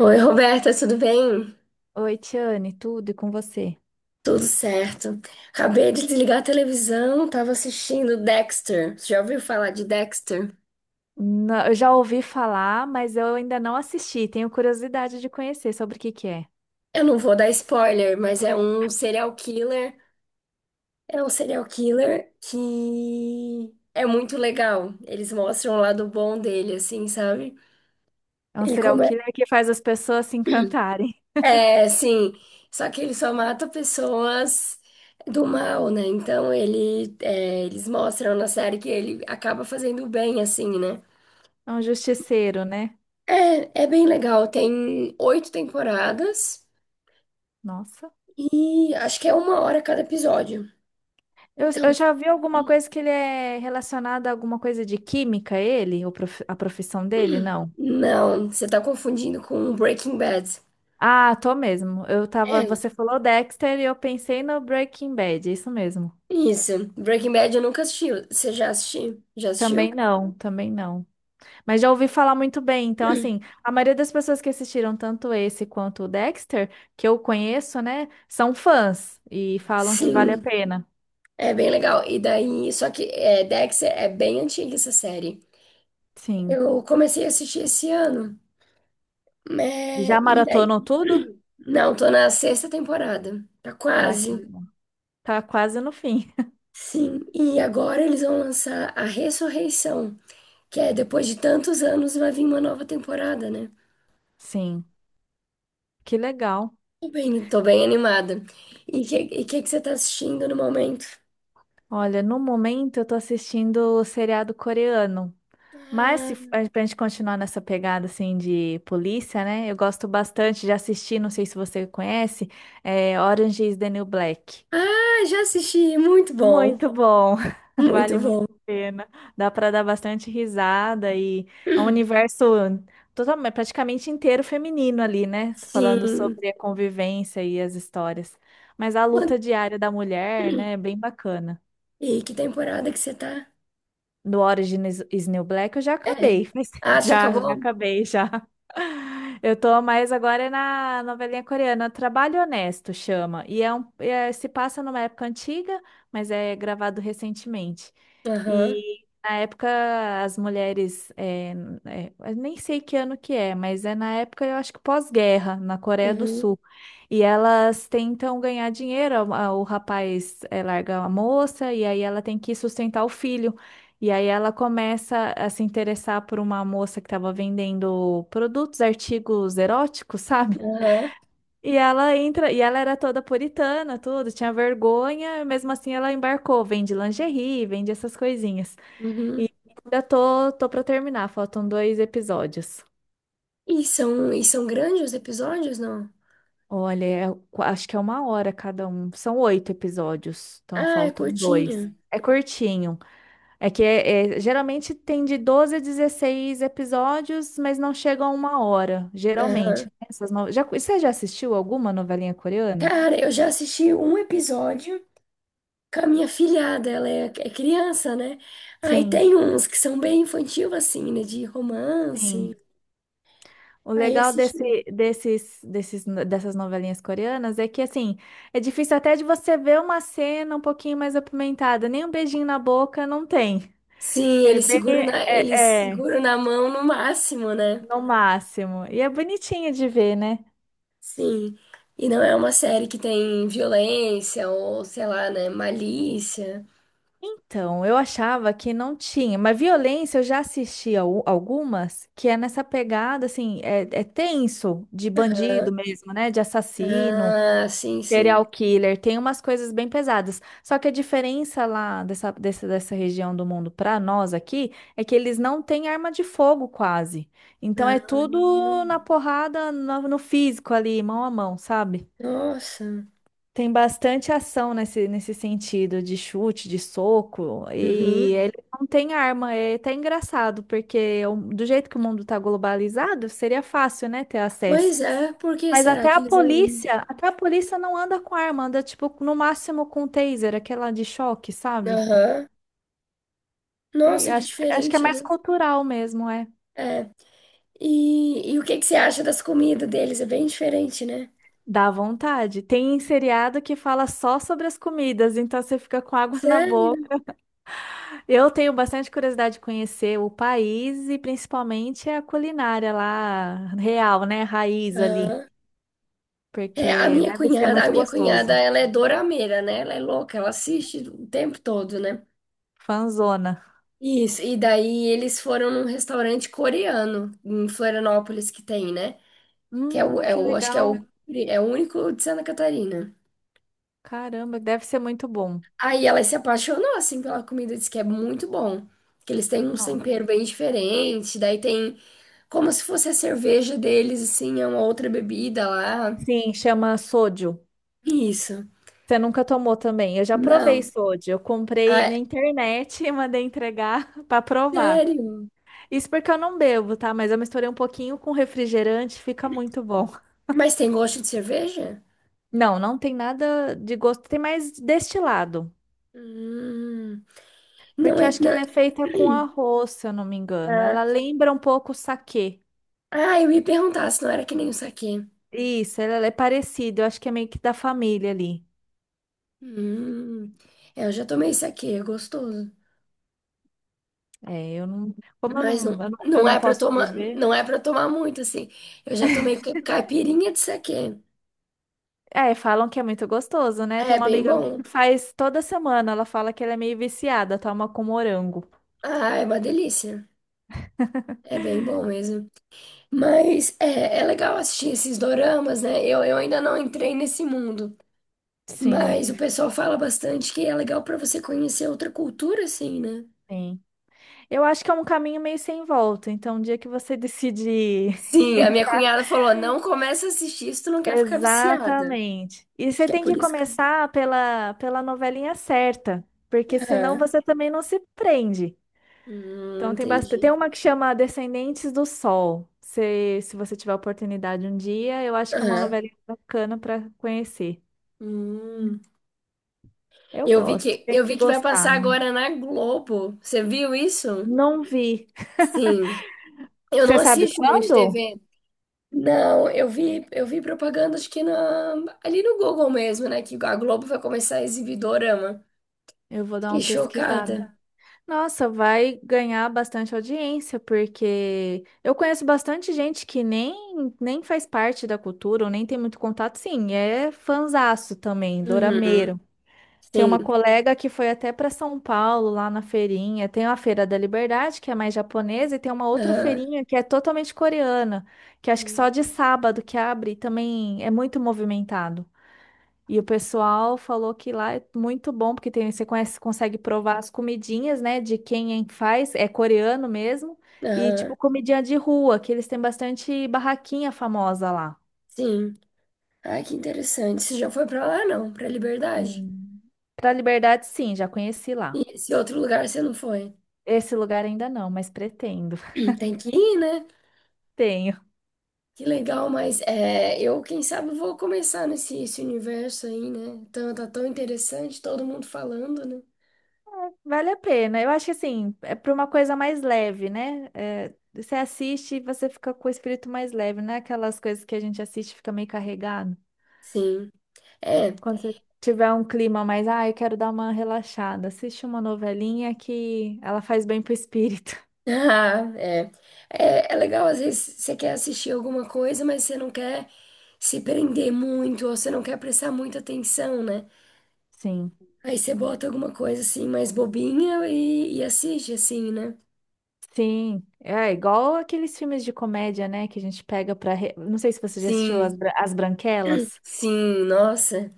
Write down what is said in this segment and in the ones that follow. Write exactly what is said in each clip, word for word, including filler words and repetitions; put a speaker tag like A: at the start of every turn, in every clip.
A: Oi, Roberta, tudo bem?
B: Oi, Tiane, tudo e com você?
A: Tudo certo. Acabei de desligar a televisão, tava assistindo Dexter. Você já ouviu falar de Dexter?
B: Não, eu já ouvi falar, mas eu ainda não assisti. Tenho curiosidade de conhecer sobre o que que é.
A: Eu não vou dar spoiler, mas é um serial killer. É um serial killer que é muito legal. Eles mostram o lado bom dele, assim, sabe?
B: É um
A: Ele
B: serial
A: come.
B: killer que faz as pessoas se encantarem.
A: É, sim. Só que ele só mata pessoas do mal, né? Então ele, é, eles mostram na série que ele acaba fazendo o bem, assim, né?
B: É um justiceiro, né?
A: É, é bem legal. Tem oito temporadas
B: Nossa.
A: e acho que é uma hora cada episódio.
B: Eu,
A: Então,
B: eu já vi alguma coisa que ele é relacionado a alguma coisa de química, ele? Ou prof- a profissão dele? Não.
A: não, você tá confundindo com Breaking Bad.
B: Ah, tô mesmo. Eu tava.
A: É,
B: Você falou Dexter e eu pensei no Breaking Bad, é isso mesmo.
A: isso. Breaking Bad eu nunca assisti. Você já assistiu? Já assistiu?
B: Também não, também não. Mas já ouvi falar muito bem. Então, assim, a maioria das pessoas que assistiram tanto esse quanto o Dexter, que eu conheço, né, são fãs e falam que vale a
A: Sim,
B: pena.
A: é bem legal. E daí, só que é, Dexter é bem antiga essa série.
B: Sim.
A: Eu comecei a assistir esse ano,
B: E já
A: né? E daí,
B: maratonou tudo?
A: não, tô na sexta temporada. Tá
B: Ah, que
A: quase.
B: legal. Tá quase no fim.
A: Sim, e agora eles vão lançar a Ressurreição, que é depois de tantos anos vai vir uma nova temporada, né?
B: Sim, que legal.
A: Tô bem, tô bem animada. E o que, e que que você tá assistindo no momento?
B: Olha, no momento eu tô assistindo o seriado coreano. Mas se
A: Ah,
B: a- pra gente continuar nessa pegada assim de polícia, né? Eu gosto bastante de assistir, não sei se você conhece, é Orange is the New Black.
A: ah, já assisti, muito bom,
B: Muito bom,
A: muito
B: vale muito
A: bom.
B: a pena. Dá para dar bastante risada e é um universo totalmente, praticamente inteiro feminino ali, né? Falando
A: Sim.
B: sobre a convivência e as histórias. Mas a
A: Quan-
B: luta diária da mulher, né, é bem bacana.
A: E que temporada que você tá?
B: Do Origin is is New Black eu já
A: É.
B: acabei. Mas-
A: Ah, já
B: Já, já
A: acabou?
B: acabei, já. Eu tô mais agora é na novelinha coreana, Trabalho Honesto chama. E é um, é- se passa numa época antiga, mas é gravado recentemente.
A: Aham.
B: E na época as mulheres, é, é, eu nem sei que ano que é, mas é na época eu acho que pós-guerra, na Coreia do
A: Uhum.
B: Sul. E elas tentam ganhar dinheiro, a- a- o rapaz é, larga a moça e aí ela tem que sustentar o filho. E aí ela começa a se interessar por uma moça que estava vendendo produtos, artigos eróticos, sabe?
A: Aham.
B: E ela entra, e ela era toda puritana, tudo, tinha vergonha, mesmo assim ela embarcou, vende lingerie, vende essas coisinhas.
A: Uhum.
B: E ainda tô, tô para terminar, faltam dois episódios.
A: E são, e são grandes os episódios, não?
B: Olha, é- acho que é uma hora cada um, são oito episódios, então
A: Ah, é
B: faltam dois.
A: curtinho.
B: É curtinho. É que é, é- geralmente tem de doze a dezesseis episódios, mas não chega a uma hora,
A: Aham.
B: geralmente. Essas no... já, você já assistiu alguma novelinha coreana?
A: Cara, eu já assisti um episódio com a minha filhada, ela é, é criança, né? Aí
B: Sim,
A: tem uns que são bem infantil, assim, né? De romance.
B: sim. O
A: Aí
B: legal
A: assisti.
B: desse, desses, desses, dessas novelinhas coreanas é que, assim, é difícil até de você ver uma cena um pouquinho mais apimentada. Nem um beijinho na boca não tem.
A: Sim,
B: É
A: eles
B: bem,
A: seguram na, eles
B: é, é,
A: seguram na mão no máximo, né?
B: no máximo. E é bonitinho de ver, né?
A: Sim. E não é uma série que tem violência ou, sei lá, né? Malícia.
B: Então, eu achava que não tinha, mas violência eu já assisti al- algumas que é nessa pegada, assim, é, é tenso, de
A: Ah,
B: bandido mesmo, né? De assassino,
A: ah, sim, sim.
B: serial killer, tem umas coisas bem pesadas. Só que a diferença lá dessa, dessa, dessa região do mundo para nós aqui é que eles não têm arma de fogo quase. Então é
A: Ah,
B: tudo na porrada, no, no físico ali, mão a mão, sabe?
A: nossa.
B: Tem bastante ação nesse, nesse sentido de chute, de soco,
A: Uhum.
B: e ele não tem arma. É até engraçado, porque o- do jeito que o mundo tá globalizado, seria fácil, né, ter acesso.
A: Pois é, por que
B: Mas
A: será
B: até
A: que
B: a
A: eles não.
B: polícia, até a polícia não anda com arma, anda tipo no máximo com taser, aquela de choque, sabe?
A: Aham.
B: E
A: Nossa,
B: eu
A: que
B: acho que, acho que é
A: diferente,
B: mais
A: né?
B: cultural mesmo, é.
A: É. E, e o que que você acha das comidas deles? É bem diferente, né?
B: Dá vontade. Tem seriado que fala só sobre as comidas, então você fica com água na
A: Sério?
B: boca. Eu tenho bastante curiosidade de conhecer o país e principalmente a culinária lá, real, né? Raiz ali,
A: Aham. É, a
B: porque
A: minha
B: deve ser
A: cunhada, a
B: muito
A: minha cunhada,
B: gostoso.
A: ela é dorameira, né? Ela é louca, ela assiste o tempo todo, né?
B: Fanzona.
A: Isso, e daí eles foram num restaurante coreano em Florianópolis que tem, né? Que é o,
B: Hum,
A: é
B: que
A: o, acho que é
B: legal.
A: o, é o único de Santa Catarina.
B: Caramba, deve ser muito bom.
A: Aí ela se apaixonou, assim, pela comida, disse que é muito bom. Que eles têm um
B: Não.
A: tempero bem diferente, daí tem como se fosse a cerveja deles, assim, é uma outra bebida lá.
B: Sim, chama sodio.
A: Isso.
B: Você nunca tomou também? Eu já provei
A: Não.
B: sodio. Eu comprei
A: Ah,
B: na internet e mandei entregar para provar.
A: sério?
B: Isso porque eu não bebo, tá? Mas eu misturei um pouquinho com refrigerante, fica muito bom.
A: Mas tem gosto de cerveja?
B: Não, não tem nada de gosto, tem mais destilado.
A: Hum, não
B: Porque eu
A: é.
B: acho que
A: Não.
B: ela é feita com arroz, se eu não me engano.
A: Ah,
B: Ela lembra um pouco o saquê.
A: ah, eu ia perguntar se não era que nem o saquê.
B: Isso, ela é parecida, eu acho que é meio que da família ali.
A: Hum, é, eu já tomei saquê, é gostoso.
B: É, eu não. Como eu
A: Mas não,
B: não, eu não, eu
A: não
B: não
A: é pra
B: posso
A: tomar,
B: beber.
A: não é para tomar muito, assim. Eu já tomei ca- caipirinha de saquê.
B: É, falam que é muito gostoso, né? Tem
A: É
B: uma
A: bem
B: amiga minha que
A: bom.
B: faz toda semana, ela fala que ela é meio viciada, toma com morango.
A: Ah, é uma delícia. É bem bom mesmo. Mas é, é legal assistir esses doramas, né? Eu, eu ainda não entrei nesse mundo.
B: Sim,
A: Mas o pessoal fala bastante que é legal pra você conhecer outra cultura, assim, né?
B: sim. Eu acho que é um caminho meio sem volta. Então, o dia que você decidir.
A: Sim, a minha cunhada falou: não começa a assistir se tu não quer ficar viciada.
B: Exatamente. E
A: Acho
B: você
A: que é
B: tem
A: por
B: que
A: isso que.
B: começar pela, pela novelinha certa, porque senão
A: Aham.
B: você também não se prende.
A: Hum,
B: Então tem bastante, tem
A: entendi.
B: uma que chama Descendentes do Sol. Se, se você tiver oportunidade um dia, eu acho que é uma
A: Aham.
B: novelinha bacana para conhecer.
A: Hum.
B: Eu
A: Eu vi
B: gosto,
A: que,
B: tem
A: eu
B: que
A: vi que vai
B: gostar,
A: passar
B: né?
A: agora na Globo. Você viu isso?
B: Não vi.
A: Sim. Eu não
B: Você sabe
A: assisto muito
B: quando?
A: T V. Não, eu vi, eu vi propaganda, acho que na, ali no Google mesmo, né? Que a Globo vai começar a exibir Dorama.
B: Eu vou dar
A: Fiquei
B: uma pesquisada.
A: chocada.
B: Nossa, vai ganhar bastante audiência, porque eu conheço bastante gente que nem, nem faz parte da cultura, ou nem tem muito contato, sim, é fanzaço também,
A: Uhum.
B: dorameiro. Tem
A: Sim.
B: uma colega que foi até para São Paulo, lá na feirinha. Tem a Feira da Liberdade, que é mais japonesa, e tem uma outra
A: Aham.
B: feirinha que é totalmente coreana, que acho que só
A: Hum.
B: de sábado que abre e também é muito movimentado. E o pessoal falou que lá é muito bom, porque tem, você conhece, consegue provar as comidinhas, né? De quem faz, é coreano mesmo. E
A: Aham.
B: tipo, comidinha de rua, que eles têm bastante barraquinha famosa lá.
A: Sim. Ai, que interessante. Você já foi pra lá, não? Pra Liberdade?
B: Hum. Pra Liberdade, sim, já conheci
A: E
B: lá.
A: esse outro lugar você não foi?
B: Esse lugar ainda não, mas pretendo.
A: Tem que ir, né?
B: Tenho.
A: Que legal, mas é, eu, quem sabe, vou começar nesse esse universo aí, né? Então, tá tão interessante, todo mundo falando, né?
B: Vale a pena. Eu acho que assim, é para uma coisa mais leve, né? É, você assiste e você fica com o espírito mais leve, não é aquelas coisas que a gente assiste e fica meio carregado.
A: Sim. É.
B: Quando você tiver um clima mais, ah, eu quero dar uma relaxada, assiste uma novelinha que ela faz bem pro espírito.
A: Ah, é. É, é legal, às vezes você quer assistir alguma coisa, mas você não quer se prender muito, ou você não quer prestar muita atenção, né?
B: Sim.
A: Aí você bota alguma coisa assim mais bobinha e, e assiste, assim, né?
B: Sim, é igual aqueles filmes de comédia, né, que a gente pega para, não sei se você já assistiu As,
A: Sim,
B: Bra- As Branquelas,
A: sim, nossa.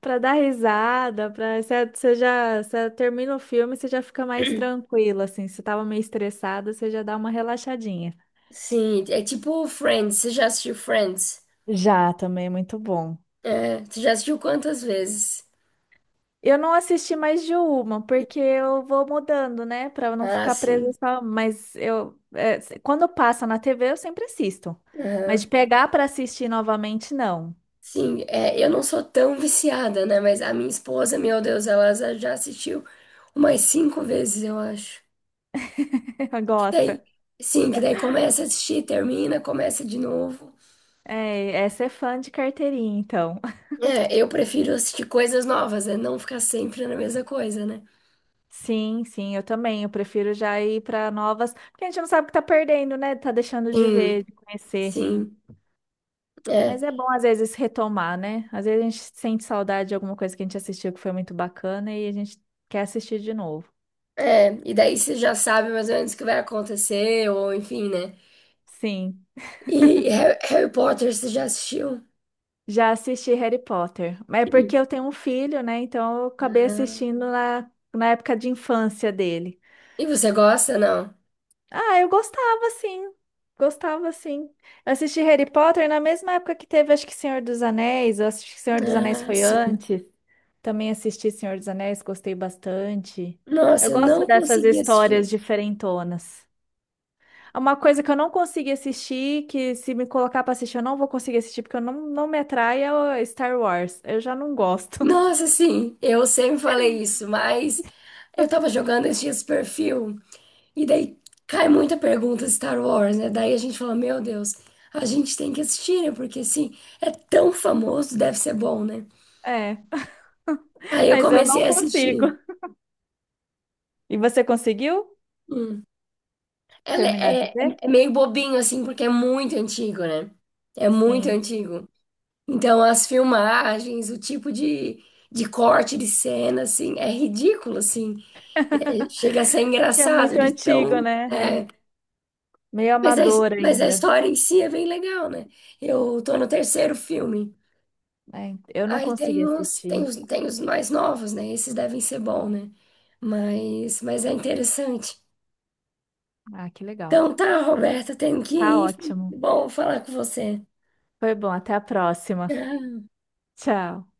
B: para dar risada, para você, você já, você termina o filme, você já fica mais tranquila assim, se você tava meio estressada, você já dá uma relaxadinha.
A: Sim, é tipo Friends, você já assistiu Friends?
B: Já, também é muito bom.
A: É, você já assistiu quantas vezes?
B: Eu não assisti mais de uma, porque eu vou mudando, né? Pra eu não
A: Ah,
B: ficar presa
A: sim.
B: só. Mas eu, é, se- quando passa na T V, eu sempre assisto. Mas de
A: Aham.
B: pegar pra assistir novamente, não.
A: Sim, é, eu não sou tão viciada, né? Mas a minha esposa, meu Deus, ela za- já assistiu umas cinco vezes, eu acho. Que
B: Gosta.
A: daí, sim, que daí começa a assistir, termina, começa de novo.
B: É, essa é fã de carteirinha, então.
A: É, eu prefiro assistir coisas novas, né? Não ficar sempre na mesma coisa, né?
B: Sim, sim, eu também. Eu prefiro já ir pra novas. Porque a gente não sabe o que tá perdendo, né? Tá deixando de ver,
A: Sim,
B: de conhecer.
A: sim. É,
B: Mas é bom, às vezes, retomar, né? Às vezes a gente sente saudade de alguma coisa que a gente assistiu que foi muito bacana e a gente quer assistir de novo.
A: é. E daí você já sabe mais ou menos o que vai acontecer, ou enfim, né?
B: Sim,
A: E Harry, Harry Potter, você já assistiu?
B: já assisti Harry Potter. Mas é porque eu tenho um filho, né? Então eu acabei
A: Ah,
B: assistindo na, na época de infância dele.
A: e você gosta, não?
B: Ah, eu gostava, sim. Gostava, sim. Eu assisti Harry Potter na mesma época que teve, acho que Senhor dos Anéis. Eu assisti que Senhor dos Anéis
A: Ah,
B: foi
A: sim.
B: antes. Também assisti Senhor dos Anéis, gostei bastante. Eu
A: Nossa,
B: gosto
A: não
B: dessas
A: consegui assistir.
B: histórias diferentonas. É uma coisa que eu não consegui assistir, que se me colocar pra assistir, eu não vou conseguir assistir, porque eu não, não me atrai, é o Star Wars. Eu já não gosto.
A: Nossa, sim, eu sempre falei isso, mas eu tava jogando esses dias perfil e daí cai muita pergunta Star Wars, né? Daí a gente fala, meu Deus, a gente tem que assistir, né? Porque assim, é tão famoso, deve ser bom, né?
B: É,
A: Aí eu
B: mas eu
A: comecei
B: não
A: a
B: consigo.
A: assistir.
B: E você conseguiu
A: Hum. Ela
B: terminar
A: é,
B: de
A: é,
B: ver?
A: é meio bobinho, assim, porque é muito antigo, né? É muito
B: Sim.
A: antigo. Então, as filmagens, o tipo de, de corte de cena, assim, é ridículo, assim. É, chega a ser
B: Que é
A: engraçado
B: muito
A: de
B: antigo,
A: tão.
B: né?
A: é,
B: É. Meio
A: mas, a,
B: amador
A: mas a
B: ainda.
A: história em si é bem legal, né? Eu tô no terceiro filme.
B: É, eu não
A: Aí
B: consegui
A: tem os, tem
B: assistir.
A: os, tem os mais novos, né? Esses devem ser bons, né? Mas, mas é interessante.
B: Ah, que legal.
A: Então tá, Roberta, tenho que
B: Tá
A: ir.
B: ótimo.
A: Bom falar com você.
B: Foi bom. Até a próxima.
A: Tchau.
B: Tchau.